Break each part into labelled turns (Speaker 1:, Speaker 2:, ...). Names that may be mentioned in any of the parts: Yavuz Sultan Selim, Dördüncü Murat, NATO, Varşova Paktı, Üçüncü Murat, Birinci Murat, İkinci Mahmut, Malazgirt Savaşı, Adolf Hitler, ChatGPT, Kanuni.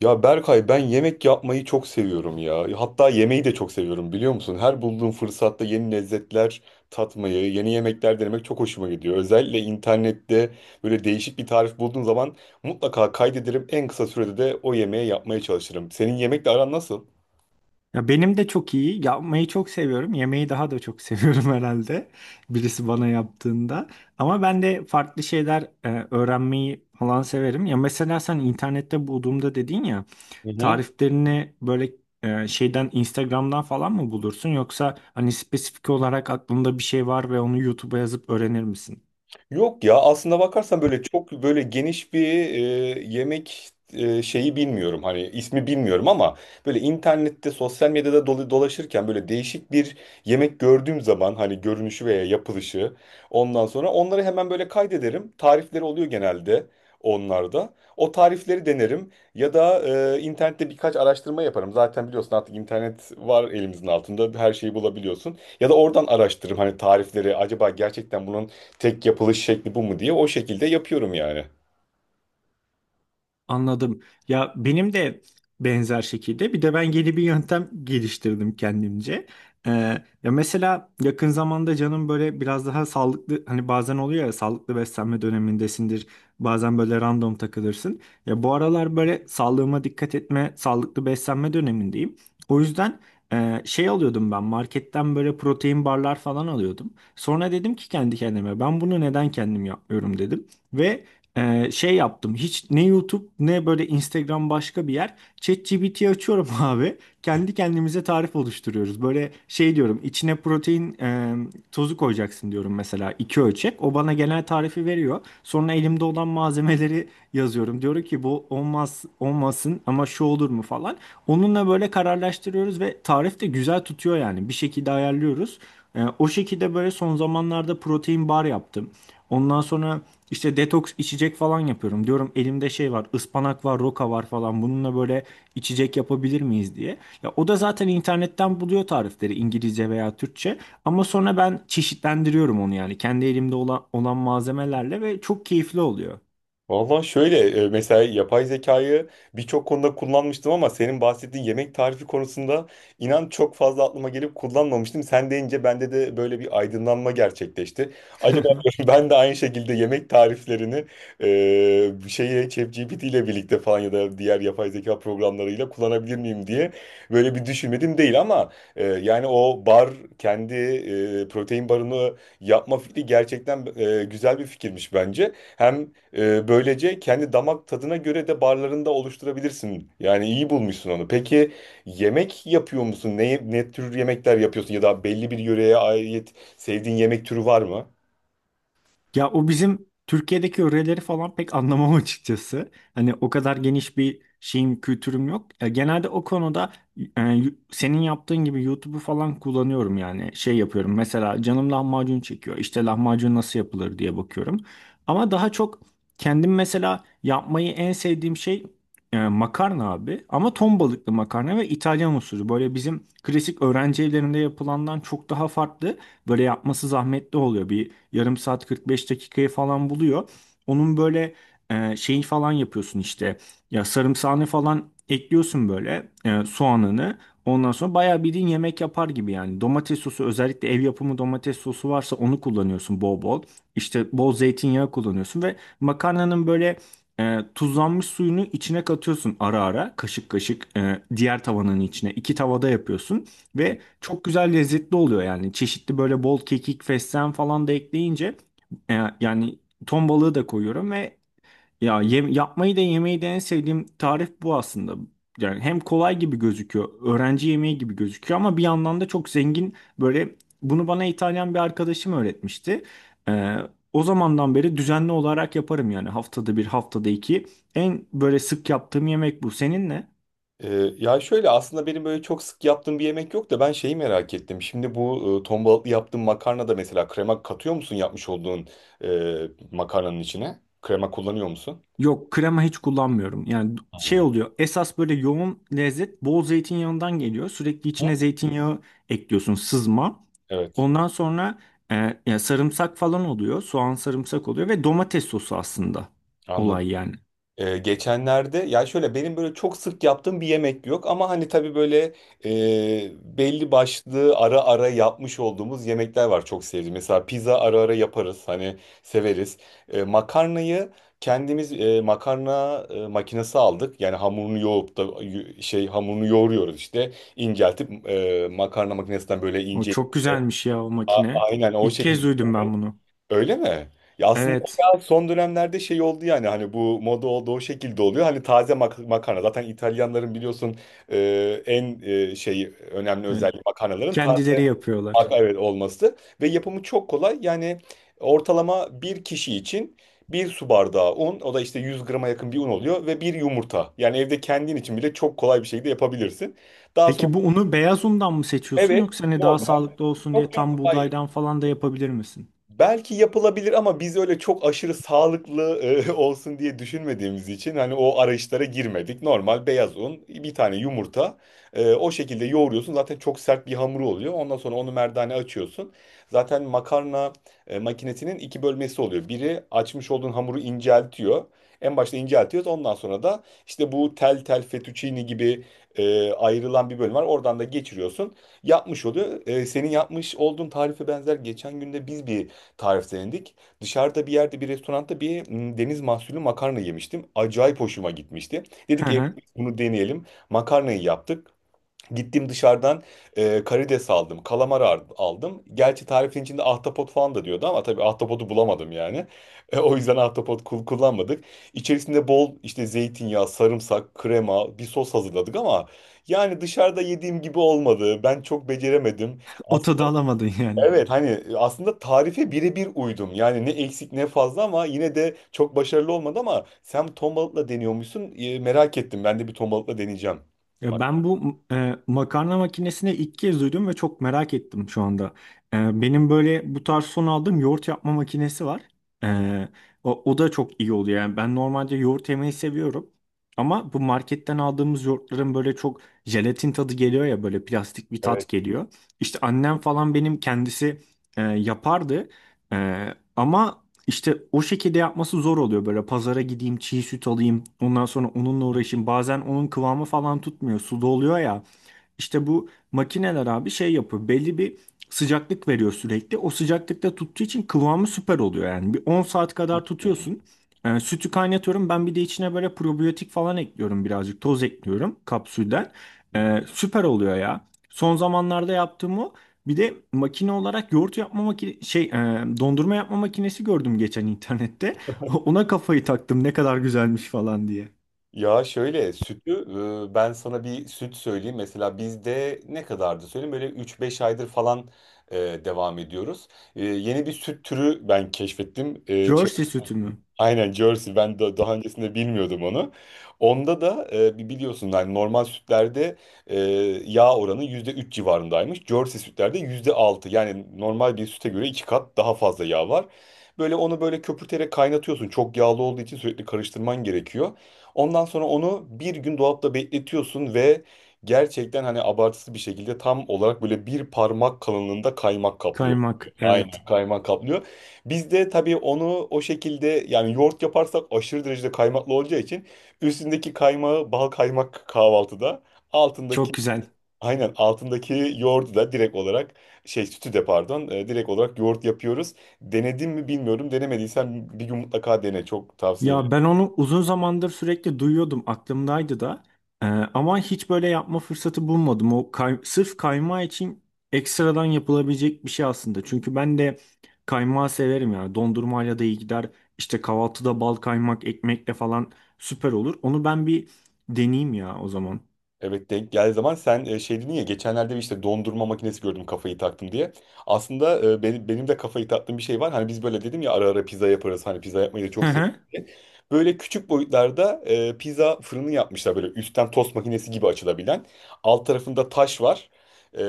Speaker 1: Ya Berkay ben yemek yapmayı çok seviyorum ya. Hatta yemeği de çok seviyorum biliyor musun? Her bulduğum fırsatta yeni lezzetler tatmayı, yeni yemekler denemek çok hoşuma gidiyor. Özellikle internette böyle değişik bir tarif bulduğum zaman mutlaka kaydederim. En kısa sürede de o yemeği yapmaya çalışırım. Senin yemekle aran nasıl?
Speaker 2: Ya benim de çok iyi. Yapmayı çok seviyorum. Yemeği daha da çok seviyorum herhalde. Birisi bana yaptığında. Ama ben de farklı şeyler öğrenmeyi falan severim. Ya mesela sen internette bulduğumda dedin ya
Speaker 1: Hı hı.
Speaker 2: tariflerini böyle şeyden Instagram'dan falan mı bulursun yoksa hani spesifik olarak aklında bir şey var ve onu YouTube'a yazıp öğrenir misin?
Speaker 1: Yok ya aslında bakarsan böyle çok böyle geniş bir yemek şeyi bilmiyorum, hani ismi bilmiyorum ama böyle internette sosyal medyada dolaşırken böyle değişik bir yemek gördüğüm zaman hani görünüşü veya yapılışı, ondan sonra onları hemen böyle kaydederim, tarifleri oluyor genelde, onlarda o tarifleri denerim ya da internette birkaç araştırma yaparım. Zaten biliyorsun, artık internet var elimizin altında, her şeyi bulabiliyorsun ya da oradan araştırırım hani tarifleri, acaba gerçekten bunun tek yapılış şekli bu mu diye. O şekilde yapıyorum yani.
Speaker 2: Anladım. Ya benim de benzer şekilde bir de ben yeni bir yöntem geliştirdim kendimce. Ee, Ya mesela yakın zamanda canım böyle biraz daha sağlıklı hani bazen oluyor ya sağlıklı beslenme dönemindesindir. Bazen böyle random takılırsın. Ya bu aralar böyle sağlığıma dikkat etme, sağlıklı beslenme dönemindeyim. O yüzden şey alıyordum ben marketten böyle protein barlar falan alıyordum. Sonra dedim ki kendi kendime ben bunu neden kendim yapmıyorum dedim ve şey yaptım. Hiç ne YouTube ne böyle Instagram başka bir yer. ChatGPT 'yi açıyorum abi. Kendi kendimize tarif oluşturuyoruz. Böyle şey diyorum. İçine protein tozu koyacaksın diyorum mesela. İki ölçek. O bana genel tarifi veriyor. Sonra elimde olan malzemeleri yazıyorum. Diyorum ki bu olmaz olmasın ama şu olur mu falan. Onunla böyle kararlaştırıyoruz ve tarif de güzel tutuyor yani. Bir şekilde ayarlıyoruz. O şekilde böyle son zamanlarda protein bar yaptım. Ondan sonra işte detoks içecek falan yapıyorum. Diyorum elimde şey var, ıspanak var, roka var falan. Bununla böyle içecek yapabilir miyiz diye. Ya o da zaten internetten buluyor tarifleri İngilizce veya Türkçe. Ama sonra ben çeşitlendiriyorum onu yani kendi elimde olan malzemelerle ve çok keyifli oluyor.
Speaker 1: Valla şöyle, mesela yapay zekayı birçok konuda kullanmıştım ama senin bahsettiğin yemek tarifi konusunda inan çok fazla aklıma gelip kullanmamıştım. Sen deyince bende de böyle bir aydınlanma gerçekleşti. Acaba ben de aynı şekilde yemek tariflerini şeye, ChatGPT ile birlikte falan ya da diğer yapay zeka programlarıyla kullanabilir miyim diye böyle bir düşünmedim değil ama yani o bar, kendi protein barını yapma fikri gerçekten güzel bir fikirmiş bence. Hem böylece kendi damak tadına göre de barlarında oluşturabilirsin. Yani iyi bulmuşsun onu. Peki yemek yapıyor musun? Ne tür yemekler yapıyorsun? Ya da belli bir yöreye ait sevdiğin yemek türü var mı?
Speaker 2: Ya o bizim Türkiye'deki öğreleri falan pek anlamam açıkçası. Hani o kadar geniş bir şeyim, kültürüm yok. E, genelde o konuda senin yaptığın gibi YouTube'u falan kullanıyorum yani. Şey yapıyorum mesela canım lahmacun çekiyor. İşte lahmacun nasıl yapılır diye bakıyorum. Ama daha çok kendim mesela yapmayı en sevdiğim şey makarna abi. Ama ton balıklı makarna ve İtalyan usulü. Böyle bizim klasik öğrenci evlerinde yapılandan çok daha farklı. Böyle yapması zahmetli oluyor, bir yarım saat 45 dakikayı falan buluyor. Onun böyle şeyi falan yapıyorsun işte. Ya sarımsağını falan ekliyorsun böyle soğanını. Ondan sonra bayağı bildiğin yemek yapar gibi yani. Domates sosu, özellikle ev yapımı domates sosu varsa, onu kullanıyorsun bol bol. İşte bol zeytinyağı kullanıyorsun ve makarnanın böyle tuzlanmış suyunu içine katıyorsun ara ara kaşık kaşık diğer tavanın içine. İki tavada yapıyorsun ve çok güzel lezzetli oluyor yani. Çeşitli böyle bol kekik, fesleğen falan da ekleyince e, yani ton balığı da koyuyorum ve ya yapmayı da yemeyi de en sevdiğim tarif bu aslında. Yani hem kolay gibi gözüküyor, öğrenci yemeği gibi gözüküyor ama bir yandan da çok zengin böyle. Bunu bana İtalyan bir arkadaşım öğretmişti. E, O zamandan beri düzenli olarak yaparım yani, haftada bir, haftada iki. En böyle sık yaptığım yemek bu. Senin ne?
Speaker 1: Ee, Ya şöyle, aslında benim böyle çok sık yaptığım bir yemek yok da ben şeyi merak ettim. Şimdi bu ton balıklı yaptığın makarna da mesela krema katıyor musun, yapmış olduğun makarnanın içine? Krema kullanıyor musun?
Speaker 2: Yok, krema hiç kullanmıyorum. Yani şey
Speaker 1: Hı?
Speaker 2: oluyor. Esas böyle yoğun lezzet bol zeytinyağından geliyor. Sürekli
Speaker 1: Hı?
Speaker 2: içine zeytinyağı ekliyorsun, sızma.
Speaker 1: Evet,
Speaker 2: Ondan sonra ya sarımsak falan oluyor. Soğan, sarımsak oluyor ve domates sosu aslında
Speaker 1: anladım.
Speaker 2: olay yani.
Speaker 1: Geçenlerde, ya şöyle, benim böyle çok sık yaptığım bir yemek yok ama hani tabii böyle e, belli başlı ara ara yapmış olduğumuz yemekler var çok sevdiğim. Mesela pizza ara ara yaparız hani, severiz. Makarnayı kendimiz, makarna makinesi aldık. Yani hamurunu yoğurup da hamurunu yoğuruyoruz işte, inceltip makarna makinesinden böyle
Speaker 2: O
Speaker 1: ince,
Speaker 2: çok güzelmiş ya o makine.
Speaker 1: Aynen o
Speaker 2: İlk
Speaker 1: şekilde.
Speaker 2: kez duydum ben bunu.
Speaker 1: Öyle mi? Ya aslında o
Speaker 2: Evet.
Speaker 1: biraz son dönemlerde şey oldu yani, hani bu moda oldu, o şekilde oluyor. Hani taze makarna zaten, İtalyanların biliyorsun en şey önemli
Speaker 2: Evet.
Speaker 1: özelliği makarnaların taze
Speaker 2: Kendileri yapıyorlar.
Speaker 1: evet olması ve yapımı çok kolay. Yani ortalama bir kişi için bir su bardağı un, o da işte 100 grama yakın bir un oluyor, ve bir yumurta. Yani evde kendin için bile çok kolay bir şekilde yapabilirsin. Daha sonra
Speaker 2: Peki bu unu beyaz undan mı seçiyorsun
Speaker 1: evet,
Speaker 2: yoksa hani daha
Speaker 1: normal,
Speaker 2: sağlıklı olsun diye
Speaker 1: yok
Speaker 2: tam
Speaker 1: yok hayır.
Speaker 2: buğdaydan falan da yapabilir misin?
Speaker 1: Belki yapılabilir ama biz öyle çok aşırı sağlıklı olsun diye düşünmediğimiz için hani o arayışlara girmedik. Normal beyaz un, bir tane yumurta. O şekilde yoğuruyorsun. Zaten çok sert bir hamuru oluyor. Ondan sonra onu merdane açıyorsun. Zaten makarna makinesinin iki bölmesi oluyor. Biri açmış olduğun hamuru inceltiyor. En başta inceltiyoruz. Ondan sonra da işte bu tel tel fettuccine gibi ayrılan bir bölüm var. Oradan da geçiriyorsun. Yapmış oluyor. Senin yapmış olduğun tarife benzer, geçen günde biz bir tariflendik. Dışarıda bir yerde, bir restoranda bir deniz mahsulü makarna yemiştim. Acayip hoşuma gitmişti. Dedik
Speaker 2: Hı
Speaker 1: evde
Speaker 2: hı.
Speaker 1: biz bunu deneyelim. Makarnayı yaptık. Gittim dışarıdan karides aldım, kalamar aldım. Gerçi tarifin içinde ahtapot falan da diyordu ama tabii ahtapotu bulamadım yani. O yüzden ahtapot kullanmadık. İçerisinde bol işte zeytinyağı, sarımsak, krema, bir sos hazırladık ama yani dışarıda yediğim gibi olmadı. Ben çok beceremedim.
Speaker 2: O tadı alamadın yani.
Speaker 1: Evet, hani aslında tarife birebir uydum. Yani ne eksik ne fazla, ama yine de çok başarılı olmadı. Ama sen ton balıkla deniyormuşsun. Merak ettim. Ben de bir ton balıkla deneyeceğim.
Speaker 2: Ya
Speaker 1: Bak.
Speaker 2: ben bu makarna makinesini ilk kez duydum ve çok merak ettim şu anda. E, benim böyle bu tarz son aldığım yoğurt yapma makinesi var.
Speaker 1: Hı,
Speaker 2: E, o da çok iyi oluyor. Yani ben normalde yoğurt yemeyi seviyorum. Ama bu marketten aldığımız yoğurtların böyle çok jelatin tadı geliyor ya, böyle plastik bir
Speaker 1: evet.
Speaker 2: tat geliyor. İşte annem falan benim kendisi yapardı. E, ama işte o şekilde yapması zor oluyor, böyle pazara gideyim çiğ süt alayım ondan sonra onunla uğraşayım, bazen onun kıvamı falan tutmuyor, suda oluyor ya. İşte bu makineler abi şey yapıyor. Belli bir sıcaklık veriyor sürekli. O sıcaklıkta tuttuğu için kıvamı süper oluyor yani. Bir 10 saat kadar
Speaker 1: Hı,
Speaker 2: tutuyorsun. Sütü kaynatıyorum. Ben bir de içine böyle probiyotik falan ekliyorum birazcık. Toz ekliyorum kapsülden.
Speaker 1: hı. Hı.
Speaker 2: Süper oluyor ya. Son zamanlarda yaptığım o. Bir de makine olarak yoğurt yapma makine dondurma yapma makinesi gördüm geçen internette. Ona kafayı taktım, ne kadar güzelmiş falan diye.
Speaker 1: Ya şöyle, sütü, ben sana bir süt söyleyeyim. Mesela bizde ne kadardı söyleyeyim, böyle üç beş aydır falan e, devam ediyoruz. Yeni bir süt türü ben keşfettim.
Speaker 2: Jersey sütü mü?
Speaker 1: Aynen, Jersey. Ben daha öncesinde bilmiyordum onu. Onda da biliyorsun hani, normal sütlerde e, yağ oranı %3 civarındaymış. Jersey sütlerde %6. Yani normal bir süte göre iki kat daha fazla yağ var. Böyle onu böyle köpürterek kaynatıyorsun. Çok yağlı olduğu için sürekli karıştırman gerekiyor. Ondan sonra onu bir gün dolapta bekletiyorsun ve gerçekten hani abartısız bir şekilde, tam olarak böyle bir parmak kalınlığında kaymak kaplıyor.
Speaker 2: Kaymak, evet.
Speaker 1: Aynen, kaymak kaplıyor. Biz de tabii onu, o şekilde yani yoğurt yaparsak aşırı derecede kaymaklı olacağı için, üstündeki kaymağı bal kaymak kahvaltıda, altındaki,
Speaker 2: Çok güzel.
Speaker 1: aynen altındaki yoğurdu da direkt olarak, şey, sütü de pardon, direkt olarak yoğurt yapıyoruz. Denedim mi bilmiyorum, denemediysen bir gün mutlaka dene, çok tavsiye ederim.
Speaker 2: Ya ben onu uzun zamandır sürekli duyuyordum, aklımdaydı da. Ama hiç böyle yapma fırsatı bulmadım. O sırf kaymağı için ekstradan yapılabilecek bir şey aslında. Çünkü ben de kaymağı severim yani. Dondurmayla da iyi gider. İşte kahvaltıda bal kaymak ekmekle falan süper olur. Onu ben bir deneyeyim ya o zaman.
Speaker 1: Evet, denk geldiği zaman. Sen şey dedin ya geçenlerde, bir işte dondurma makinesi gördüm kafayı taktım diye. Aslında benim de kafayı taktığım bir şey var. Hani biz böyle dedim ya, ara ara pizza yaparız, hani pizza yapmayı da
Speaker 2: Hı
Speaker 1: çok seviyorum
Speaker 2: hı.
Speaker 1: diye. Böyle küçük boyutlarda pizza fırını yapmışlar, böyle üstten tost makinesi gibi açılabilen. Alt tarafında taş var. E,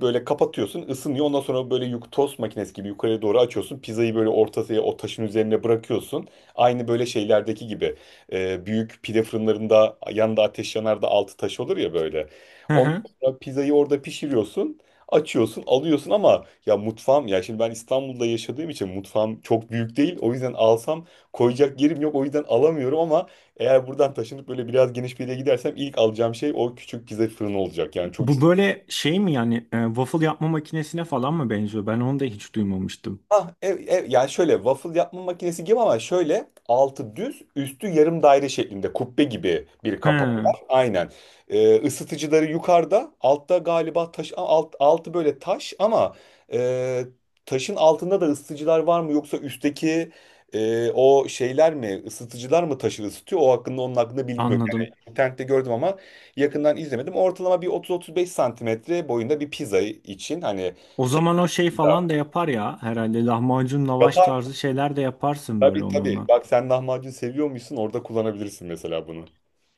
Speaker 1: Böyle kapatıyorsun, ısınıyor. Ondan sonra böyle tost makinesi gibi yukarıya doğru açıyorsun. Pizzayı böyle ortasına, o taşın üzerine bırakıyorsun. Aynı böyle şeylerdeki gibi, büyük pide fırınlarında yanında ateş yanar da altı taş olur ya böyle.
Speaker 2: Hı
Speaker 1: Ondan
Speaker 2: hı.
Speaker 1: sonra pizzayı orada pişiriyorsun. Açıyorsun, alıyorsun. Ama ya mutfağım, ya şimdi ben İstanbul'da yaşadığım için mutfağım çok büyük değil. O yüzden alsam koyacak yerim yok. O yüzden alamıyorum ama eğer buradan taşınıp böyle biraz geniş bir yere gidersem ilk alacağım şey o küçük pizza fırını olacak. Yani çok.
Speaker 2: Bu böyle şey mi yani, waffle yapma makinesine falan mı benziyor? Ben onu da hiç duymamıştım.
Speaker 1: Yani şöyle waffle yapma makinesi gibi ama şöyle altı düz üstü yarım daire şeklinde kubbe gibi bir kapağı
Speaker 2: He,
Speaker 1: var. Aynen. Isıtıcıları yukarıda, altta galiba taş, altı böyle taş ama e, taşın altında da ısıtıcılar var mı, yoksa üstteki o şeyler mi, ısıtıcılar mı taşı ısıtıyor? O hakkında Onun hakkında bilgim yok. Yani
Speaker 2: anladım.
Speaker 1: internette gördüm ama yakından izlemedim. Ortalama bir 30-35 santimetre boyunda bir pizza için hani.
Speaker 2: O zaman o şey falan da
Speaker 1: Pizza.
Speaker 2: yapar ya. Herhalde lahmacun, lavaş
Speaker 1: Yapar.
Speaker 2: tarzı şeyler de yaparsın böyle
Speaker 1: Tabii tabii.
Speaker 2: onunla.
Speaker 1: Bak sen lahmacun seviyormuşsun, orada kullanabilirsin mesela bunu.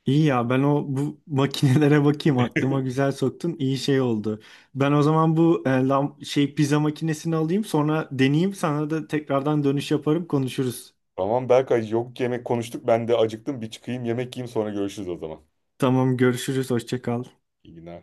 Speaker 2: İyi ya, ben o bu makinelere bakayım, aklıma güzel soktun. İyi şey oldu. Ben o zaman bu pizza makinesini alayım, sonra deneyeyim, sana da tekrardan dönüş yaparım, konuşuruz.
Speaker 1: Tamam Berkay, yok, yemek konuştuk, ben de acıktım, bir çıkayım yemek yiyeyim sonra görüşürüz o zaman.
Speaker 2: Tamam, görüşürüz, hoşça kal.
Speaker 1: İyi günler.